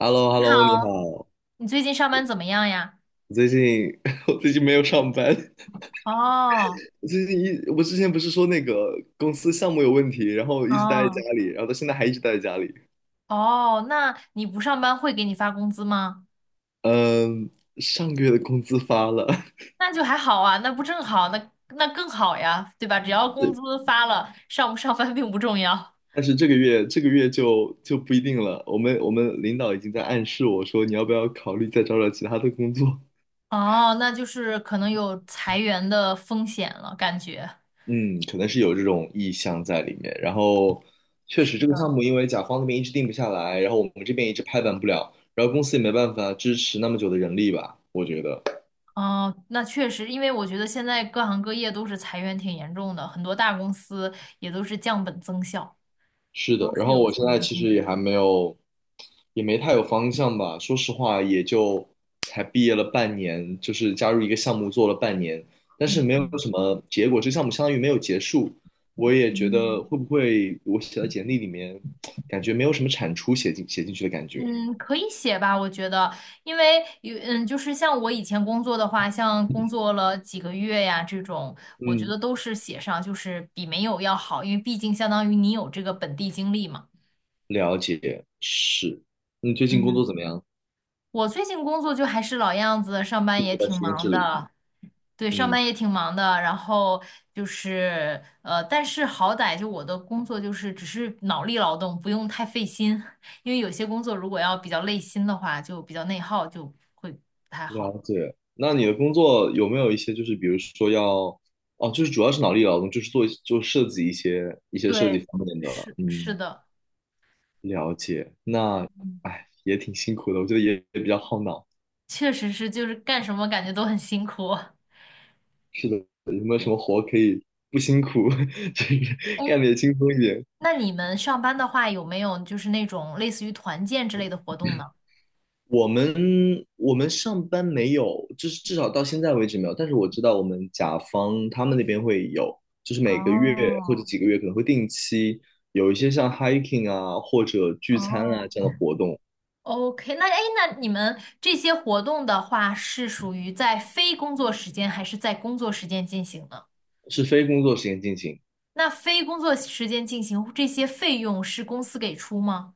h e l l o h e l 你 l o 你好，好。你最近上班怎么样呀？我最近 我最近没有上班，哦我最近一我之前不是说那个公司项目有问题，然后一直待在家哦里，然后到现在还一直待在家里。哦，那你不上班会给你发工资吗？嗯，上个月的工资发了，那就还好啊，那不正好，那更好呀，对吧？只要工是。资发了，上不上班并不重要。但是这个月就不一定了。我们领导已经在暗示我说，你要不要考虑再找找其他的工作？哦，那就是可能有裁员的风险了，感觉。嗯，可能是有这种意向在里面。然后，确是实这个的。项目因为甲方那边一直定不下来，然后我们这边一直拍板不了，然后公司也没办法支持那么久的人力吧，我觉得。哦，那确实，因为我觉得现在各行各业都是裁员挺严重的，很多大公司也都是降本增效，是的。都然是后有我现裁在员其风实也险。还没有，也没太有方向吧。说实话，也就才毕业了半年，就是加入一个项目做了半年，但是没有嗯什么结果，这个项目相当于没有结束。我也觉得嗯。会不会我写在简历里面，感觉没有什么产出写进去的感觉。嗯，可以写吧，我觉得，因为有就是像我以前工作的话，像工作了几个月呀这种，我觉嗯，得都是写上，就是比没有要好，因为毕竟相当于你有这个本地经历嘛。了解，是。你最近工嗯。作怎么样？我最近工作就还是老样子，上班最也近在挺实验忙室里。的，对，上嗯，班也挺忙的。然后就是但是好歹就我的工作就是只是脑力劳动，不用太费心，因为有些工作如果要比较累心的话，就比较内耗，就会不太好了。了解。那你的工作有没有一些，就是比如说要，哦，就是主要是脑力劳动，就是做做设计一些设计对，方面的。是是嗯，的，了解。那，嗯，哎，也挺辛苦的，我觉得也比较耗脑。确实是，就是干什么感觉都很辛苦。是的，有没有什对，么活可以不辛苦，就是哎，干得也轻松一点？那你们上班的话，有没有就是那种类似于团建之类的活动呢？我们我们上班没有，就是至少到现在为止没有。但是我知道我们甲方他们那边会有，就是每个月或者哦几个月可能会定期有一些像 hiking 啊或者聚餐啊哦，这样的活动，OK，那哎，那你们这些活动的话，是属于在非工作时间还是在工作时间进行呢？是非工作时间进行。那非工作时间进行这些费用是公司给出吗？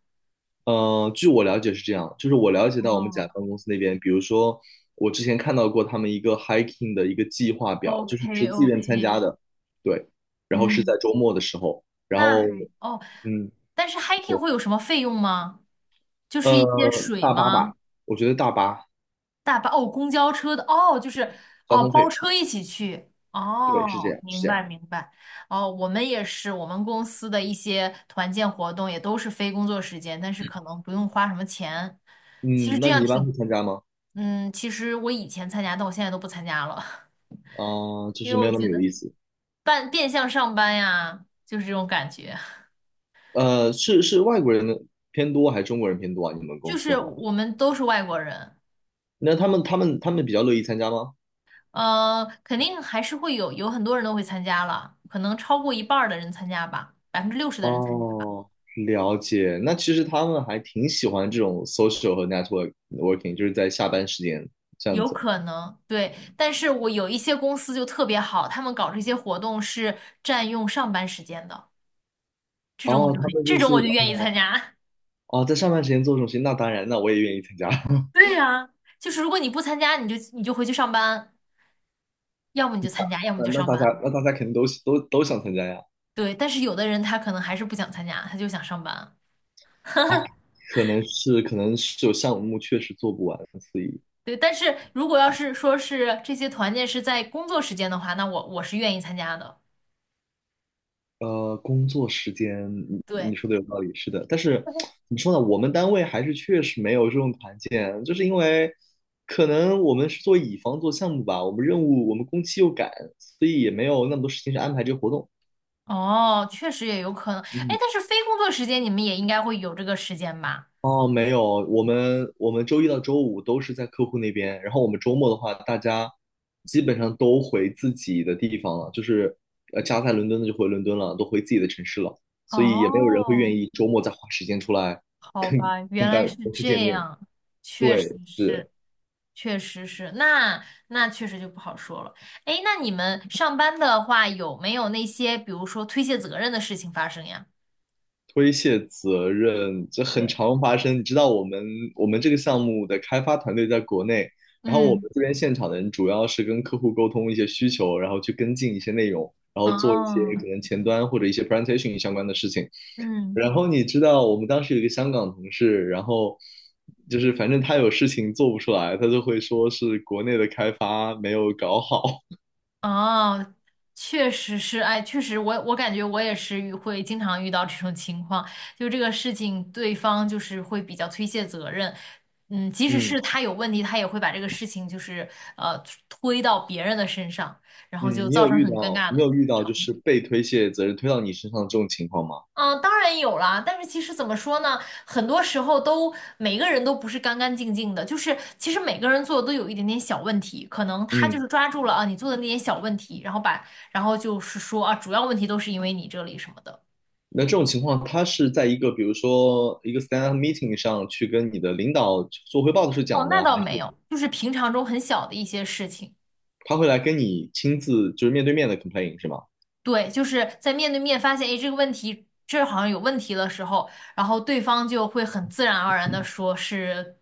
据我了解是这样，就是我了解到我们甲哦方公司那边，比如说我之前看到过他们一个 hiking 的一个计划表，就是你是，OK 自愿参加 OK，的，对，然后是在嗯，周末的时候，然那后还哦，嗯。但是 hiking 会有什么费用吗？就是一呃。些水大巴吧，吗？我觉得大巴大巴哦，公交车的哦，就是交哦，通包费，车一起去对，是这哦，样，是明这样。白明白哦，我们也是，我们公司的一些团建活动也都是非工作时间，但是可能不用花什么钱。其实嗯，这那样你一般会挺，参加吗？其实我以前参加，但我现在都不参加了，啊、就因是为没我有那么觉有得意思。半变相上班呀，就是这种感觉，是外国人的偏多还是中国人偏多啊？你们公就司是哈？我们都是外国人，那他们比较乐意参加吗？肯定还是会有很多人都会参加了，可能超过一半儿的人参加吧，60%的人参加。哦，了解。那其实他们还挺喜欢这种 social 和 network working，就是在下班时间这样有子。可能，对，但是我有一些公司就特别好，他们搞这些活动是占用上班时间的，哦，他们就这种是我就愿意参加。哦，在上班时间做这种事情，那当然，那我也愿意参加。对呀，就是如果你不参加，你就回去上班，要么你就参加，要么你那就那上大家班。那大家肯定都想参加呀。对，但是有的人他可能还是不想参加，他就想上班。可能是有项目确实做不完，所以对，但是如果要是说是这些团建是在工作时间的话，那我是愿意参加的。工作时间你对，说的有道理，是的。但是怎么说呢，我们单位还是确实没有这种团建，就是因为可能我们是做乙方做项目吧，我们任务我们工期又赶，所以也没有那么多时间去安排这个活动。哦，确实也有可能。哎，嗯。但是非工作时间你们也应该会有这个时间吧？哦，没有，我们周一到周五都是在客户那边，然后我们周末的话，大家基本上都回自己的地方了，就是家在伦敦的就回伦敦了，都回自己的城市了，所以也没有人会愿哦，意周末再花时间出来好跟吧，跟原大来是公司见这面。样，确实对，是。是，确实是，那确实就不好说了。哎，那你们上班的话，有没有那些比如说推卸责任的事情发生呀？推卸责任，这很对，常发生。你知道我们这个项目的开发团队在国内，然后我们嗯，这边现场的人主要是跟客户沟通一些需求，然后去跟进一些内容，然后做一些哦，可能前端或者一些 presentation 相关的事情。嗯。然后你知道我们当时有一个香港同事，然后就是反正他有事情做不出来，他就会说是国内的开发没有搞好。哦，确实是，哎，确实我感觉我也是会经常遇到这种情况，就这个事情，对方就是会比较推卸责任，嗯，即使嗯是他有问题，他也会把这个事情就是呃推到别人的身上，然后就嗯，你造有成遇很尴到尬你的有遇到场就面。是被推卸责任推到你身上这种情况吗？嗯，当然有啦，但是其实怎么说呢，很多时候都每个人都不是干干净净的，就是其实每个人做的都有一点点小问题，可能他就嗯。是抓住了啊你做的那点小问题，然后把然后就是说啊主要问题都是因为你这里什么的。那这种情况，他是在一个比如说一个 stand up meeting 上去跟你的领导做汇报的时候哦，讲那的，还倒是没有，就是平常中很小的一些事情。他会来跟你亲自就是面对面的 complain 是吗？对，就是在面对面发现，哎，这个问题这儿好像有问题的时候，然后对方就会很自然而然的说是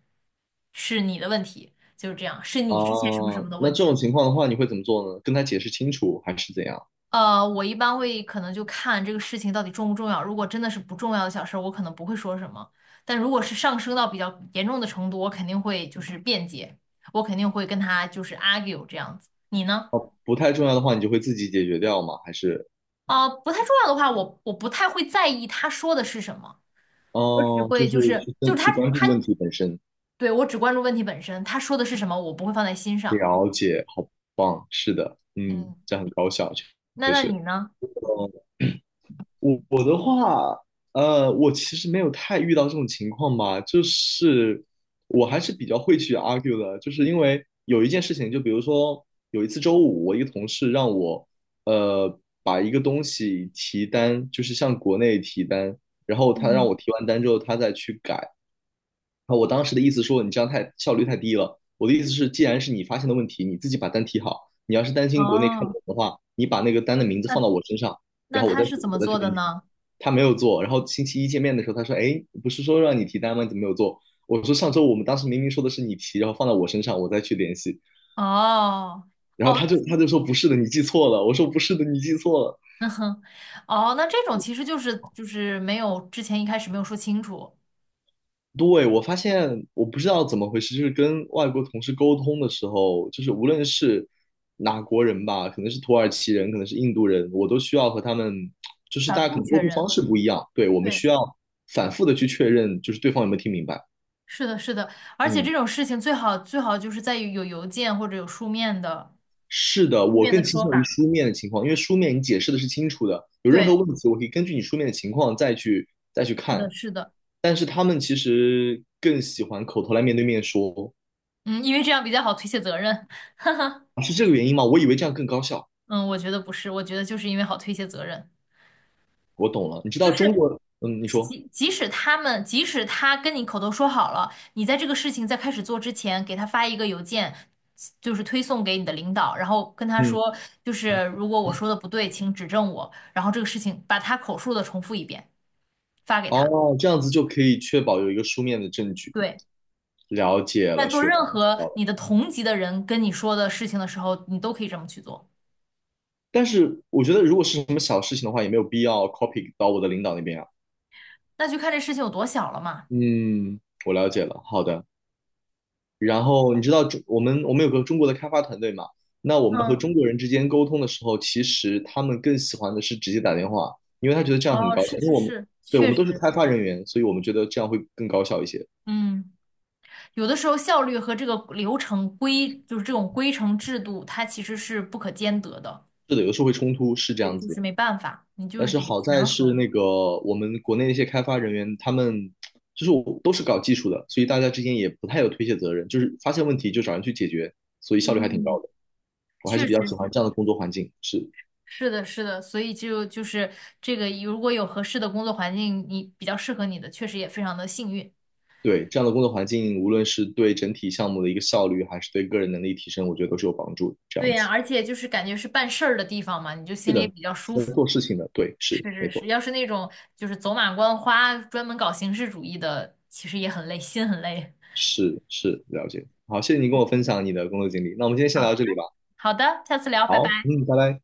是你的问题，就是这样，是啊，你之前什么什么的那问这题。种情况的话，你会怎么做呢？跟他解释清楚还是怎样？我一般会可能就看这个事情到底重不重要。如果真的是不重要的小事儿，我可能不会说什么。但如果是上升到比较严重的程度，我肯定会就是辩解，我肯定会跟他就是 argue 这样子。你呢？不太重要的话，你就会自己解决掉吗？还是啊、不太重要的话，我不太会在意他说的是什么，嗯，我只就会就是是去就跟是他去关注他问题本身，对我只关注问题本身，他说的是什么，我不会放在心上。了解，好棒，是的，嗯，嗯，这样很高效，确那确那你实。呢？我的话，我其实没有太遇到这种情况吧，就是我还是比较会去 argue 的，就是因为有一件事情，就比如说有一次周五，我一个同事让我，把一个东西提单，就是向国内提单，然后他让嗯，我提完单之后，他再去改，啊，我当时的意思说你这样太效率太低了。我的意思是，既然是你发现的问题，你自己把单提好。你要是担心国内看不哦，懂的话，你把那个单的名字放那到我身上，然那后我他再去是怎么我再去做跟的你。呢？他没有做，然后星期一见面的时候，他说：“哎，不是说让你提单吗？你怎么没有做？”我说：“上周我们当时明明说的是你提，然后放到我身上，我再去联系。”哦。然后哦，他就说：“不是的，你记错了。”我说：“不是的，你记错了。”嗯，哦，那这种其实就是没有之前一开始没有说清楚，对，我发现我不知道怎么回事，就是跟外国同事沟通的时候，就是无论是哪国人吧，可能是土耳其人，可能是印度人，我都需要和他们，就是大反家可复能沟确通认。方式不一样，对，我们对，需要反复的去确认，就是对方有没有听明白。是的，是的，而且嗯，这种事情最好最好就是在于有邮件或者有书面的是的，书我面的更倾说向于法。书面的情况，因为书面你解释的是清楚的，有任何对，问题我可以根据你书面的情况再去再去是看，的，是的，但是他们其实更喜欢口头来面对面说，嗯，因为这样比较好推卸责任。是这个原因吗？我以为这样更高效。嗯，我觉得不是，我觉得就是因为好推卸责任。我懂了。你知道就中是国，嗯，你即说，即即使他们，即使他跟你口头说好了，你在这个事情在开始做之前，给他发一个邮件，就是推送给你的领导，然后跟他嗯，说，就嗯是如果我说的不对，请指正我，然后这个事情把他口述的重复一遍，发给他。哦，这样子就可以确保有一个书面的证据。对，了解在了，做学到任了，知何道了。你的同级的人跟你说的事情的时候，你都可以这么去做。但是我觉得，如果是什么小事情的话，也没有必要 copy 到我的领导那边啊。那就看这事情有多小了嘛。嗯，我了解了。好的。然后你知道中我们我们有个中国的开发团队嘛？那我们和嗯，中国人之间沟通的时候，其实他们更喜欢的是直接打电话，因为他觉得这样很哦，高效。是因为是我们是，对，我确们都是实，开发人员，所以我们觉得这样会更高效一些。嗯。有的时候效率和这个流程规，就是这种规程制度，它其实是不可兼得的，是的，有的时候会冲突，是这对，样就子。是没办法，你就但是是得好在权是衡。那个我们国内那些开发人员，他们就是我都是搞技术的，所以大家之间也不太有推卸责任，就是发现问题就找人去解决，所以效率还挺嗯，高的。我还是确比较实喜欢是，这样的工作环境，是是的，是的，所以就是这个，如果有合适的工作环境，你比较适合你的，确实也非常的幸运。对，这样的工作环境，无论是对整体项目的一个效率，还是对个人能力提升，我觉得都是有帮助的。这对样呀，子，而且就是感觉是办事儿的地方嘛，你就是心里也的，比较舒是在服。做事情的，对，是是没是是，错，要是那种就是走马观花，专门搞形式主义的，其实也很累，心很累。是是了解。好，谢谢你跟我分享你的工作经历。那我们今天先聊好到这里吧。好的，下次聊，拜好，拜。嗯，拜拜。